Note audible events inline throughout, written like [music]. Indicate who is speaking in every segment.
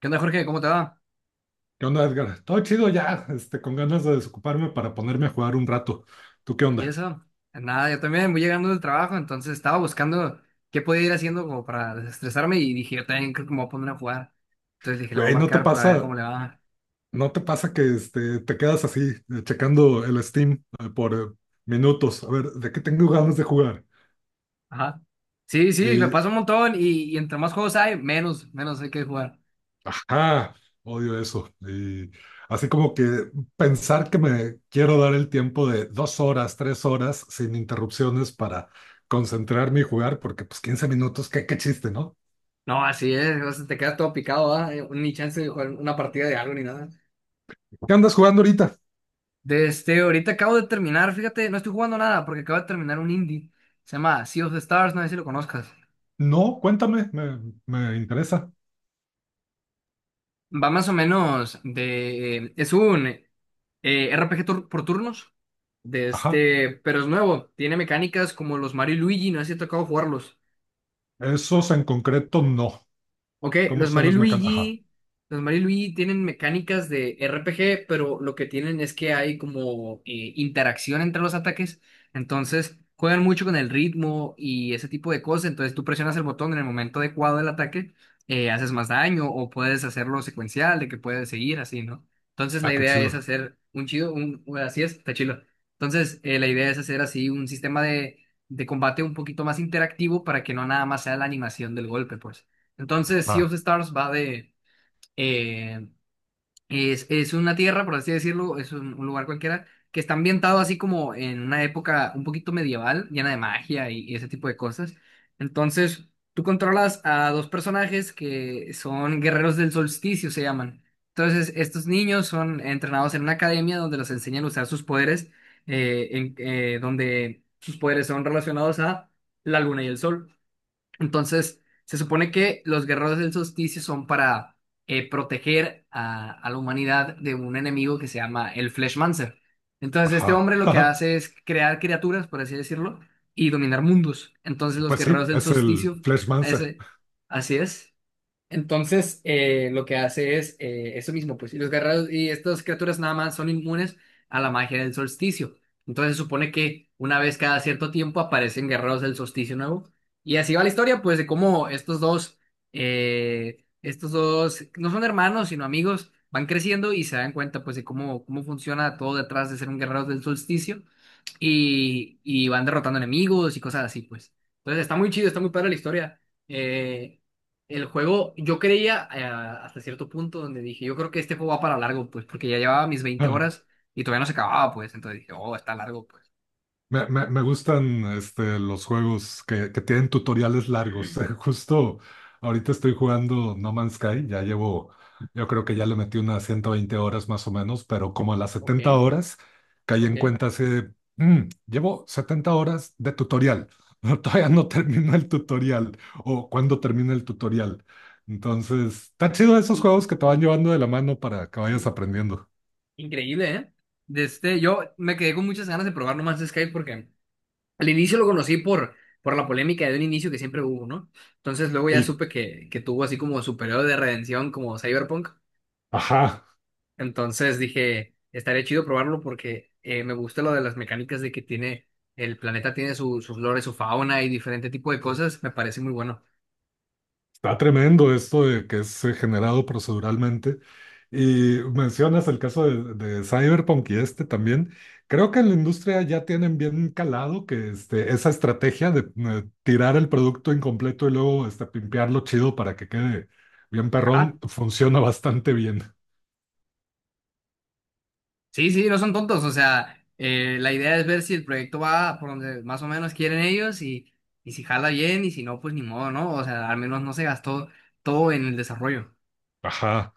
Speaker 1: ¿Qué onda, Jorge? ¿Cómo te va?
Speaker 2: ¿Qué onda, Edgar? Todo chido ya, con ganas de desocuparme para ponerme a jugar un rato. ¿Tú qué
Speaker 1: ¿Y
Speaker 2: onda?
Speaker 1: eso? Nada, yo también voy llegando del trabajo, entonces estaba buscando qué podía ir haciendo como para desestresarme y dije, yo también creo que me voy a poner a jugar. Entonces dije, le voy a
Speaker 2: Güey, ¿no te
Speaker 1: marcar para ver cómo
Speaker 2: pasa,
Speaker 1: le va.
Speaker 2: no te pasa que te quedas así, checando el Steam por minutos? A ver, ¿de qué tengo ganas de jugar?
Speaker 1: Ajá. Sí, sí, me
Speaker 2: Y,
Speaker 1: pasa un montón y entre más juegos hay, menos hay que jugar.
Speaker 2: ajá, odio eso. Y así como que pensar que me quiero dar el tiempo de 2 horas, 3 horas, sin interrupciones para concentrarme y jugar, porque pues 15 minutos, qué chiste, ¿no?
Speaker 1: No, así es, o sea, te quedas todo picado, ¿ah? Ni chance de jugar una partida de algo ni nada.
Speaker 2: ¿Qué andas jugando ahorita?
Speaker 1: Desde ahorita acabo de terminar, fíjate, no estoy jugando nada porque acabo de terminar un indie. Se llama Sea of the Stars, no sé si lo conozcas.
Speaker 2: No, cuéntame, me interesa.
Speaker 1: Va más o menos de... Es un RPG por turnos, de
Speaker 2: Ajá.
Speaker 1: este, pero es nuevo. Tiene mecánicas como los Mario y Luigi, no sé si te tocado jugarlos.
Speaker 2: Esos en concreto no.
Speaker 1: Ok,
Speaker 2: ¿Cómo son las mecánicas? Ajá.
Speaker 1: Los Mario y Luigi tienen mecánicas de RPG, pero lo que tienen es que hay como interacción entre los ataques, entonces juegan mucho con el ritmo y ese tipo de cosas, entonces tú presionas el botón en el momento adecuado del ataque, haces más daño o puedes hacerlo secuencial, de que puedes seguir así, ¿no? Entonces la
Speaker 2: Ah, qué
Speaker 1: idea es
Speaker 2: chido.
Speaker 1: hacer un chido, así es, está chido. Entonces la idea es hacer así un sistema de combate un poquito más interactivo para que no nada más sea la animación del golpe, pues. Entonces, Sea
Speaker 2: Ah,
Speaker 1: of Stars va de... eh, es una tierra, por así decirlo, es un lugar cualquiera, que está ambientado así como en una época un poquito medieval, llena de magia y ese tipo de cosas. Entonces, tú controlas a dos personajes que son guerreros del solsticio, se llaman. Entonces, estos niños son entrenados en una academia donde los enseñan a usar sus poderes, donde sus poderes son relacionados a la luna y el sol. Entonces, se supone que los guerreros del solsticio son para proteger a la humanidad de un enemigo que se llama el Fleshmancer. Entonces, este
Speaker 2: ajá.
Speaker 1: hombre lo que
Speaker 2: [laughs]
Speaker 1: hace es crear criaturas, por así decirlo, y dominar mundos. Entonces, los
Speaker 2: Pues sí,
Speaker 1: guerreros del
Speaker 2: es el
Speaker 1: solsticio,
Speaker 2: Flashmancer.
Speaker 1: ese, así es. Entonces, lo que hace es eso mismo, pues, y los guerreros y estas criaturas nada más son inmunes a la magia del solsticio. Entonces, supone que una vez cada cierto tiempo aparecen guerreros del solsticio nuevo. Y así va la historia, pues, de cómo estos dos, no son hermanos, sino amigos, van creciendo y se dan cuenta, pues, de cómo, cómo funciona todo detrás de ser un guerrero del solsticio. Y van derrotando enemigos y cosas así, pues. Entonces, está muy chido, está muy padre la historia. Eh, el juego, yo creía hasta cierto punto donde dije, yo creo que este juego va para largo, pues, porque ya llevaba mis 20
Speaker 2: [laughs]
Speaker 1: horas y todavía no se acababa, pues, entonces dije, oh, está largo, pues.
Speaker 2: Me gustan los juegos que tienen tutoriales largos. [laughs] Justo ahorita estoy jugando No Man's Sky, yo creo que ya le metí unas 120 horas más o menos, pero como a las
Speaker 1: Ok,
Speaker 2: 70 horas caí
Speaker 1: ok.
Speaker 2: en cuenta hace, "Mm, llevo 70 horas de tutorial, [laughs] todavía no termino el tutorial o cuando termina el tutorial". Entonces, está chido esos
Speaker 1: Y
Speaker 2: juegos que te van llevando de la mano para que vayas
Speaker 1: [clears throat]
Speaker 2: aprendiendo.
Speaker 1: increíble, ¿eh? De este, yo me quedé con muchas ganas de probar nomás sky porque al inicio lo conocí por la polémica de un inicio que siempre hubo, ¿no? Entonces luego ya
Speaker 2: Y,
Speaker 1: supe que tuvo así como su periodo de redención como Cyberpunk.
Speaker 2: ajá.
Speaker 1: Entonces dije, estaría chido probarlo porque me gusta lo de las mecánicas de que tiene, el planeta tiene sus flores, su fauna y diferente tipo de cosas, me parece muy bueno.
Speaker 2: Está tremendo esto de que es generado proceduralmente. Y mencionas el caso de Cyberpunk y este también. Creo que en la industria ya tienen bien calado que esa estrategia de tirar el producto incompleto y luego pimpearlo chido para que quede bien
Speaker 1: Ajá.
Speaker 2: perrón funciona bastante bien.
Speaker 1: Sí, sí, no son tontos, o sea, la idea es ver si el proyecto va por donde más o menos quieren ellos y si jala bien y si no, pues ni modo, ¿no? O sea, al menos no se gastó todo en el desarrollo.
Speaker 2: Ajá.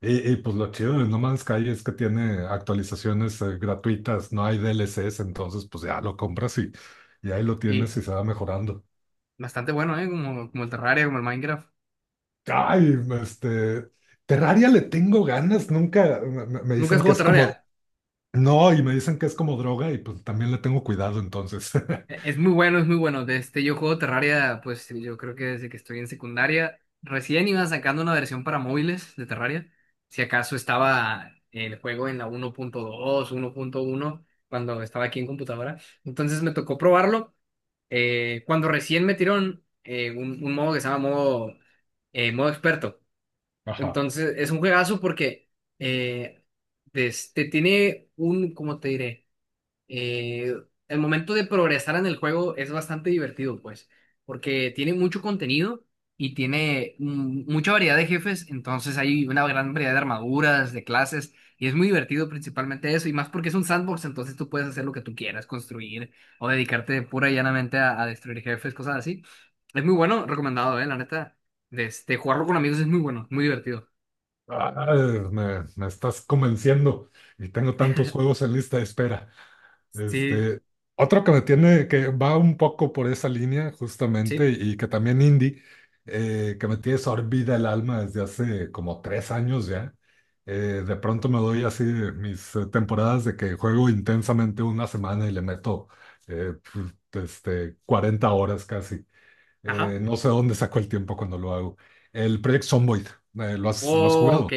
Speaker 2: Y pues lo chido de No Man's Sky es que tiene actualizaciones gratuitas, no hay D L DLCs, entonces pues ya lo compras y ahí lo tienes
Speaker 1: Y
Speaker 2: y se va mejorando.
Speaker 1: bastante bueno, ¿eh? Como el Terraria, como el Minecraft.
Speaker 2: Ay, este, Terraria le tengo ganas, nunca me
Speaker 1: ¿Nunca has
Speaker 2: dicen que
Speaker 1: jugado
Speaker 2: es como,
Speaker 1: Terraria?
Speaker 2: no, y me dicen que es como droga y pues también le tengo cuidado entonces. [laughs]
Speaker 1: Es muy bueno, es muy bueno. De este, yo juego Terraria, pues yo creo que desde que estoy en secundaria, recién iba sacando una versión para móviles de Terraria. Si acaso estaba el juego en la 1.2, 1.1, cuando estaba aquí en computadora. Entonces me tocó probarlo. Cuando recién metieron un modo que se llama modo experto.
Speaker 2: Ajá.
Speaker 1: Entonces es un juegazo porque eh, de este, tiene un, ¿cómo te diré? Eh, el momento de progresar en el juego es bastante divertido, pues, porque tiene mucho contenido y tiene mucha variedad de jefes, entonces hay una gran variedad de armaduras, de clases, y es muy divertido principalmente eso, y más porque es un sandbox, entonces tú puedes hacer lo que tú quieras, construir o dedicarte pura y llanamente a destruir jefes, cosas así. Es muy bueno, recomendado, la neta. De este, jugarlo con amigos es muy bueno, muy divertido.
Speaker 2: Ah, me estás convenciendo y tengo tantos juegos en lista de espera.
Speaker 1: Sí,
Speaker 2: Este, Otro que me tiene, que va un poco por esa línea justamente
Speaker 1: sí.
Speaker 2: y que también indie, que me tiene sorbida el alma desde hace como 3 años ya. De pronto me doy así mis temporadas de que juego intensamente una semana y le meto eh, 40 horas casi.
Speaker 1: Ajá.
Speaker 2: No sé dónde saco el tiempo cuando lo hago. El Project Zomboid, ¿lo has
Speaker 1: Oh, ok.
Speaker 2: jugado?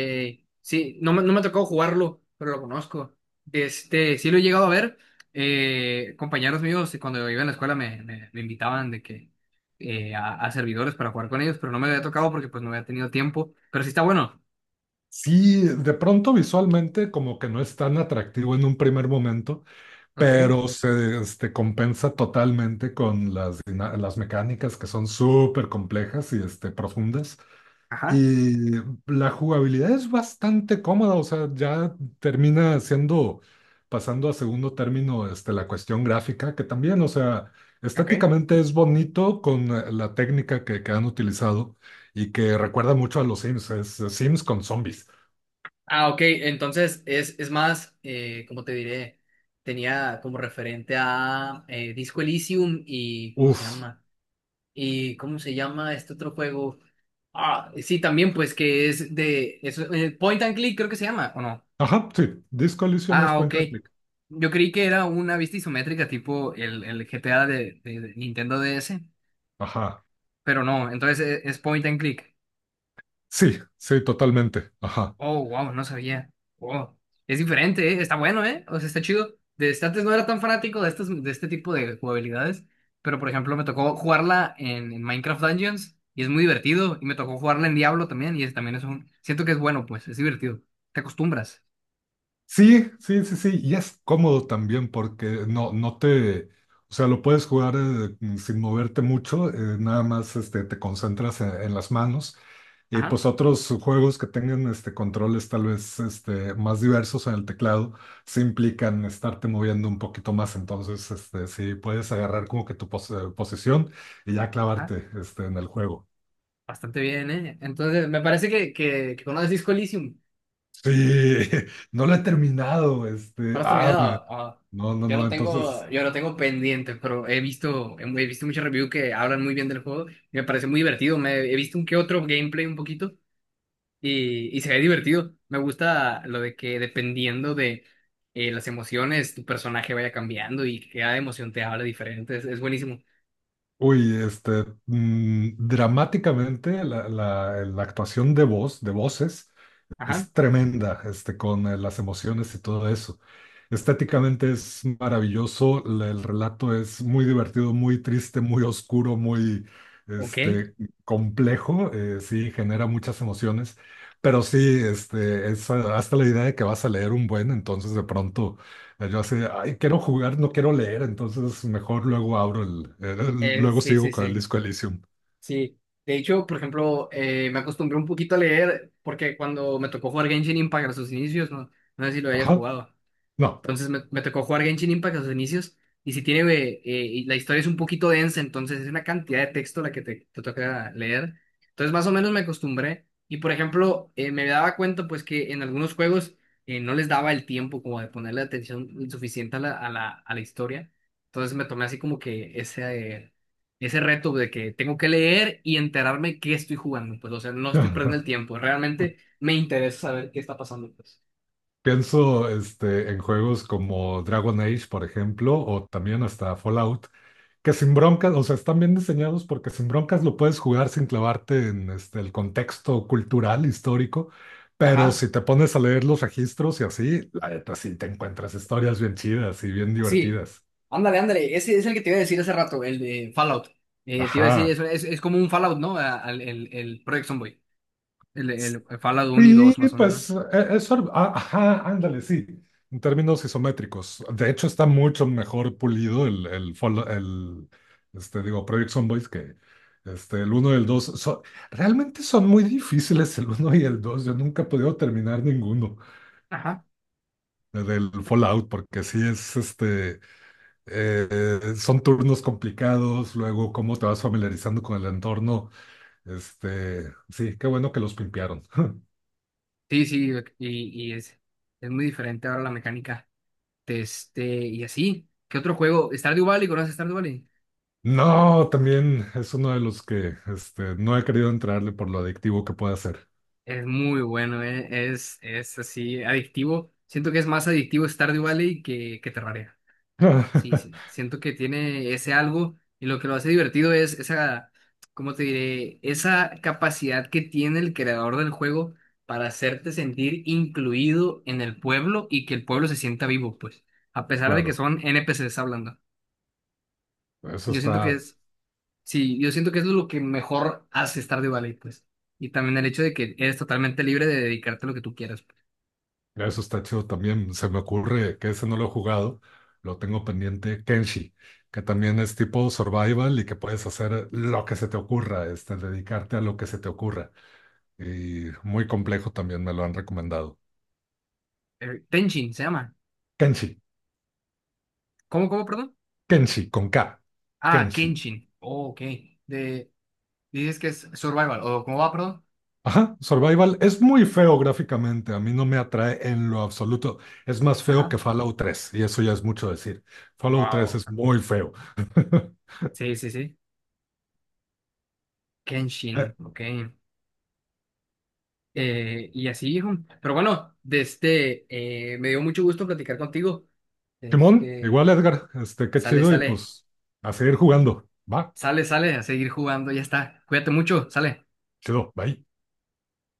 Speaker 1: Sí, no me ha tocado jugarlo, pero lo conozco. Este, sí lo he llegado a ver. Compañeros míos, cuando iba en la escuela me invitaban de que a servidores para jugar con ellos, pero no me había tocado porque pues no había tenido tiempo. Pero sí está bueno.
Speaker 2: Sí, de pronto visualmente como que no es tan atractivo en un primer momento,
Speaker 1: Ok,
Speaker 2: pero se compensa totalmente con las mecánicas que son súper complejas y profundas.
Speaker 1: ajá,
Speaker 2: Y la jugabilidad es bastante cómoda, o sea, ya termina siendo, pasando a segundo término, la cuestión gráfica, que también, o sea,
Speaker 1: ok.
Speaker 2: estéticamente es bonito con la técnica que han utilizado y que recuerda mucho a los Sims, es Sims con zombies.
Speaker 1: Ah, ok. Entonces es más, ¿cómo te diré? Tenía como referente a Disco Elysium y ¿cómo se
Speaker 2: Uf.
Speaker 1: llama? ¿Y cómo se llama este otro juego? Ah, sí, también, pues que es de eso, point and click creo que se llama, ¿o no?
Speaker 2: Ajá, sí. Disco Elysium es
Speaker 1: Ah, ok.
Speaker 2: point and click.
Speaker 1: Yo creí que era una vista isométrica tipo el GTA de Nintendo DS,
Speaker 2: Ajá.
Speaker 1: pero no, entonces es, point and click.
Speaker 2: Sí, sí, totalmente. Ajá.
Speaker 1: Oh, wow, no sabía. Wow. Es diferente, ¿eh? Está bueno, ¿eh? O sea, está chido. Desde antes no era tan fanático de, estos, de este tipo de jugabilidades, pero por ejemplo me tocó jugarla en Minecraft Dungeons y es muy divertido, y me tocó jugarla en Diablo también, y también es un... Siento que es bueno, pues, es divertido. Te acostumbras.
Speaker 2: Sí, sí, sí, sí. Y es cómodo también porque no te. O sea, lo puedes jugar sin moverte mucho, nada más te concentras en las manos. Y
Speaker 1: Ajá,
Speaker 2: pues otros juegos que tengan controles tal vez más diversos en el teclado, sí implican estarte moviendo un poquito más. Entonces, sí puedes agarrar como que tu posición y ya
Speaker 1: ajá,
Speaker 2: clavarte en el juego.
Speaker 1: bastante bien, ¿eh? Entonces, me parece que conoces Disco Elysium.
Speaker 2: Sí, [laughs] no lo he terminado,
Speaker 1: ¿No lo has terminado? Ah,
Speaker 2: no, no, no, entonces,
Speaker 1: yo lo tengo pendiente, pero he visto, he visto muchos reviews que hablan muy bien del juego, y me parece muy divertido. He visto un que otro gameplay un poquito y se ve divertido. Me gusta lo de que dependiendo de las emociones, tu personaje vaya cambiando y cada emoción te habla diferente. Es buenísimo.
Speaker 2: uy, dramáticamente la actuación de voces,
Speaker 1: Ajá,
Speaker 2: es tremenda, con las emociones y todo eso. Estéticamente es maravilloso, el relato es muy divertido, muy triste, muy oscuro, muy
Speaker 1: ok.
Speaker 2: este, complejo, sí, genera muchas emociones, pero sí, es hasta la idea de que vas a leer un buen, entonces de pronto yo así, de, ay, quiero jugar, no quiero leer, entonces mejor luego abro
Speaker 1: Eh,
Speaker 2: luego
Speaker 1: sí,
Speaker 2: sigo
Speaker 1: sí,
Speaker 2: con el
Speaker 1: sí.
Speaker 2: Disco Elysium.
Speaker 1: Sí, de hecho, por ejemplo, me acostumbré un poquito a leer porque cuando me tocó jugar Genshin Impact a sus inicios, no, no sé si lo hayas
Speaker 2: Ajá,
Speaker 1: jugado.
Speaker 2: no.
Speaker 1: Entonces me tocó jugar Genshin Impact a sus inicios. Y si tiene, y la historia es un poquito densa, entonces es una cantidad de texto la que te toca leer. Entonces más o menos me acostumbré. Y por ejemplo, me daba cuenta pues que en algunos juegos no les daba el tiempo como de ponerle atención suficiente a la historia. Entonces me tomé así como que ese, eh, ese reto de que tengo que leer y enterarme qué estoy jugando. Pues o sea, no estoy perdiendo el
Speaker 2: [laughs]
Speaker 1: tiempo. Realmente me interesa saber qué está pasando, pues.
Speaker 2: Pienso en juegos como Dragon Age, por ejemplo, o también hasta Fallout, que sin broncas, o sea, están bien diseñados porque sin broncas lo puedes jugar sin clavarte en el contexto cultural, histórico, pero
Speaker 1: Ajá.
Speaker 2: si te pones a leer los registros y así, la neta sí te encuentras historias bien chidas y bien
Speaker 1: Sí,
Speaker 2: divertidas.
Speaker 1: ándale, ándale. Ese es el que te iba a decir hace rato, el de Fallout. Te iba a decir,
Speaker 2: Ajá.
Speaker 1: eso es como un Fallout, ¿no? Project Zomboid. El Fallout uno y
Speaker 2: Sí,
Speaker 1: dos, más o
Speaker 2: pues
Speaker 1: menos.
Speaker 2: es, ajá, ándale, sí, en términos isométricos. De hecho, está mucho mejor pulido el Project Zomboid que el uno y el 2. Realmente son muy difíciles el uno y el 2. Yo nunca he podido terminar ninguno
Speaker 1: Ajá.
Speaker 2: del Fallout porque sí es, son turnos complicados, luego cómo te vas familiarizando con el entorno. Sí, qué bueno que los pimpearon.
Speaker 1: Sí, sí, y es muy diferente ahora la mecánica. Este, y así. ¿Qué otro juego? Stardew Valley, ¿conoces Stardew Valley?
Speaker 2: No, también es uno de los que no he querido entrarle por lo adictivo que puede ser.
Speaker 1: Es muy bueno, es así, adictivo. Siento que es más adictivo Stardew Valley que Terraria. Sí, sí,
Speaker 2: [laughs]
Speaker 1: siento que tiene ese algo y lo que lo hace divertido es esa, ¿cómo te diré? Esa capacidad que tiene el creador del juego para hacerte sentir incluido en el pueblo y que el pueblo se sienta vivo, pues, a pesar de que
Speaker 2: Claro,
Speaker 1: son N P NPCs hablando.
Speaker 2: eso
Speaker 1: Yo siento que
Speaker 2: está,
Speaker 1: es, sí, yo siento que es lo que mejor hace Stardew Valley, pues. Y también el hecho de que eres totalmente libre de dedicarte a lo que tú quieras, pues.
Speaker 2: eso está chido también. Se me ocurre que ese no lo he jugado, lo tengo pendiente. Kenshi, que también es tipo survival y que puedes hacer lo que se te ocurra, dedicarte a lo que se te ocurra. Y muy complejo también me lo han recomendado.
Speaker 1: Tenchin se llama.
Speaker 2: Kenshi,
Speaker 1: ¿Cómo, cómo, perdón?
Speaker 2: Kenshi con K,
Speaker 1: Ah,
Speaker 2: Kenshi.
Speaker 1: Kenshin. Oh, ok. De, Dices que es survival, o ¿cómo va, perdón?
Speaker 2: Ajá, Survival es muy feo gráficamente, a mí no me atrae en lo absoluto. Es más feo
Speaker 1: Ajá.
Speaker 2: que Fallout 3 y eso ya es mucho decir. Fallout 3
Speaker 1: Wow.
Speaker 2: es muy feo. [laughs]
Speaker 1: Sí, sí, sí.
Speaker 2: Eh,
Speaker 1: Kenshin, ok. Y así, hijo. Pero bueno, de este, me dio mucho gusto platicar contigo.
Speaker 2: Simón,
Speaker 1: Este,
Speaker 2: igual Edgar, qué
Speaker 1: sale,
Speaker 2: chido y
Speaker 1: sale,
Speaker 2: pues a seguir jugando. Va,
Speaker 1: sale, sale a seguir jugando, ya está. Cuídate mucho, sale.
Speaker 2: chido, bye.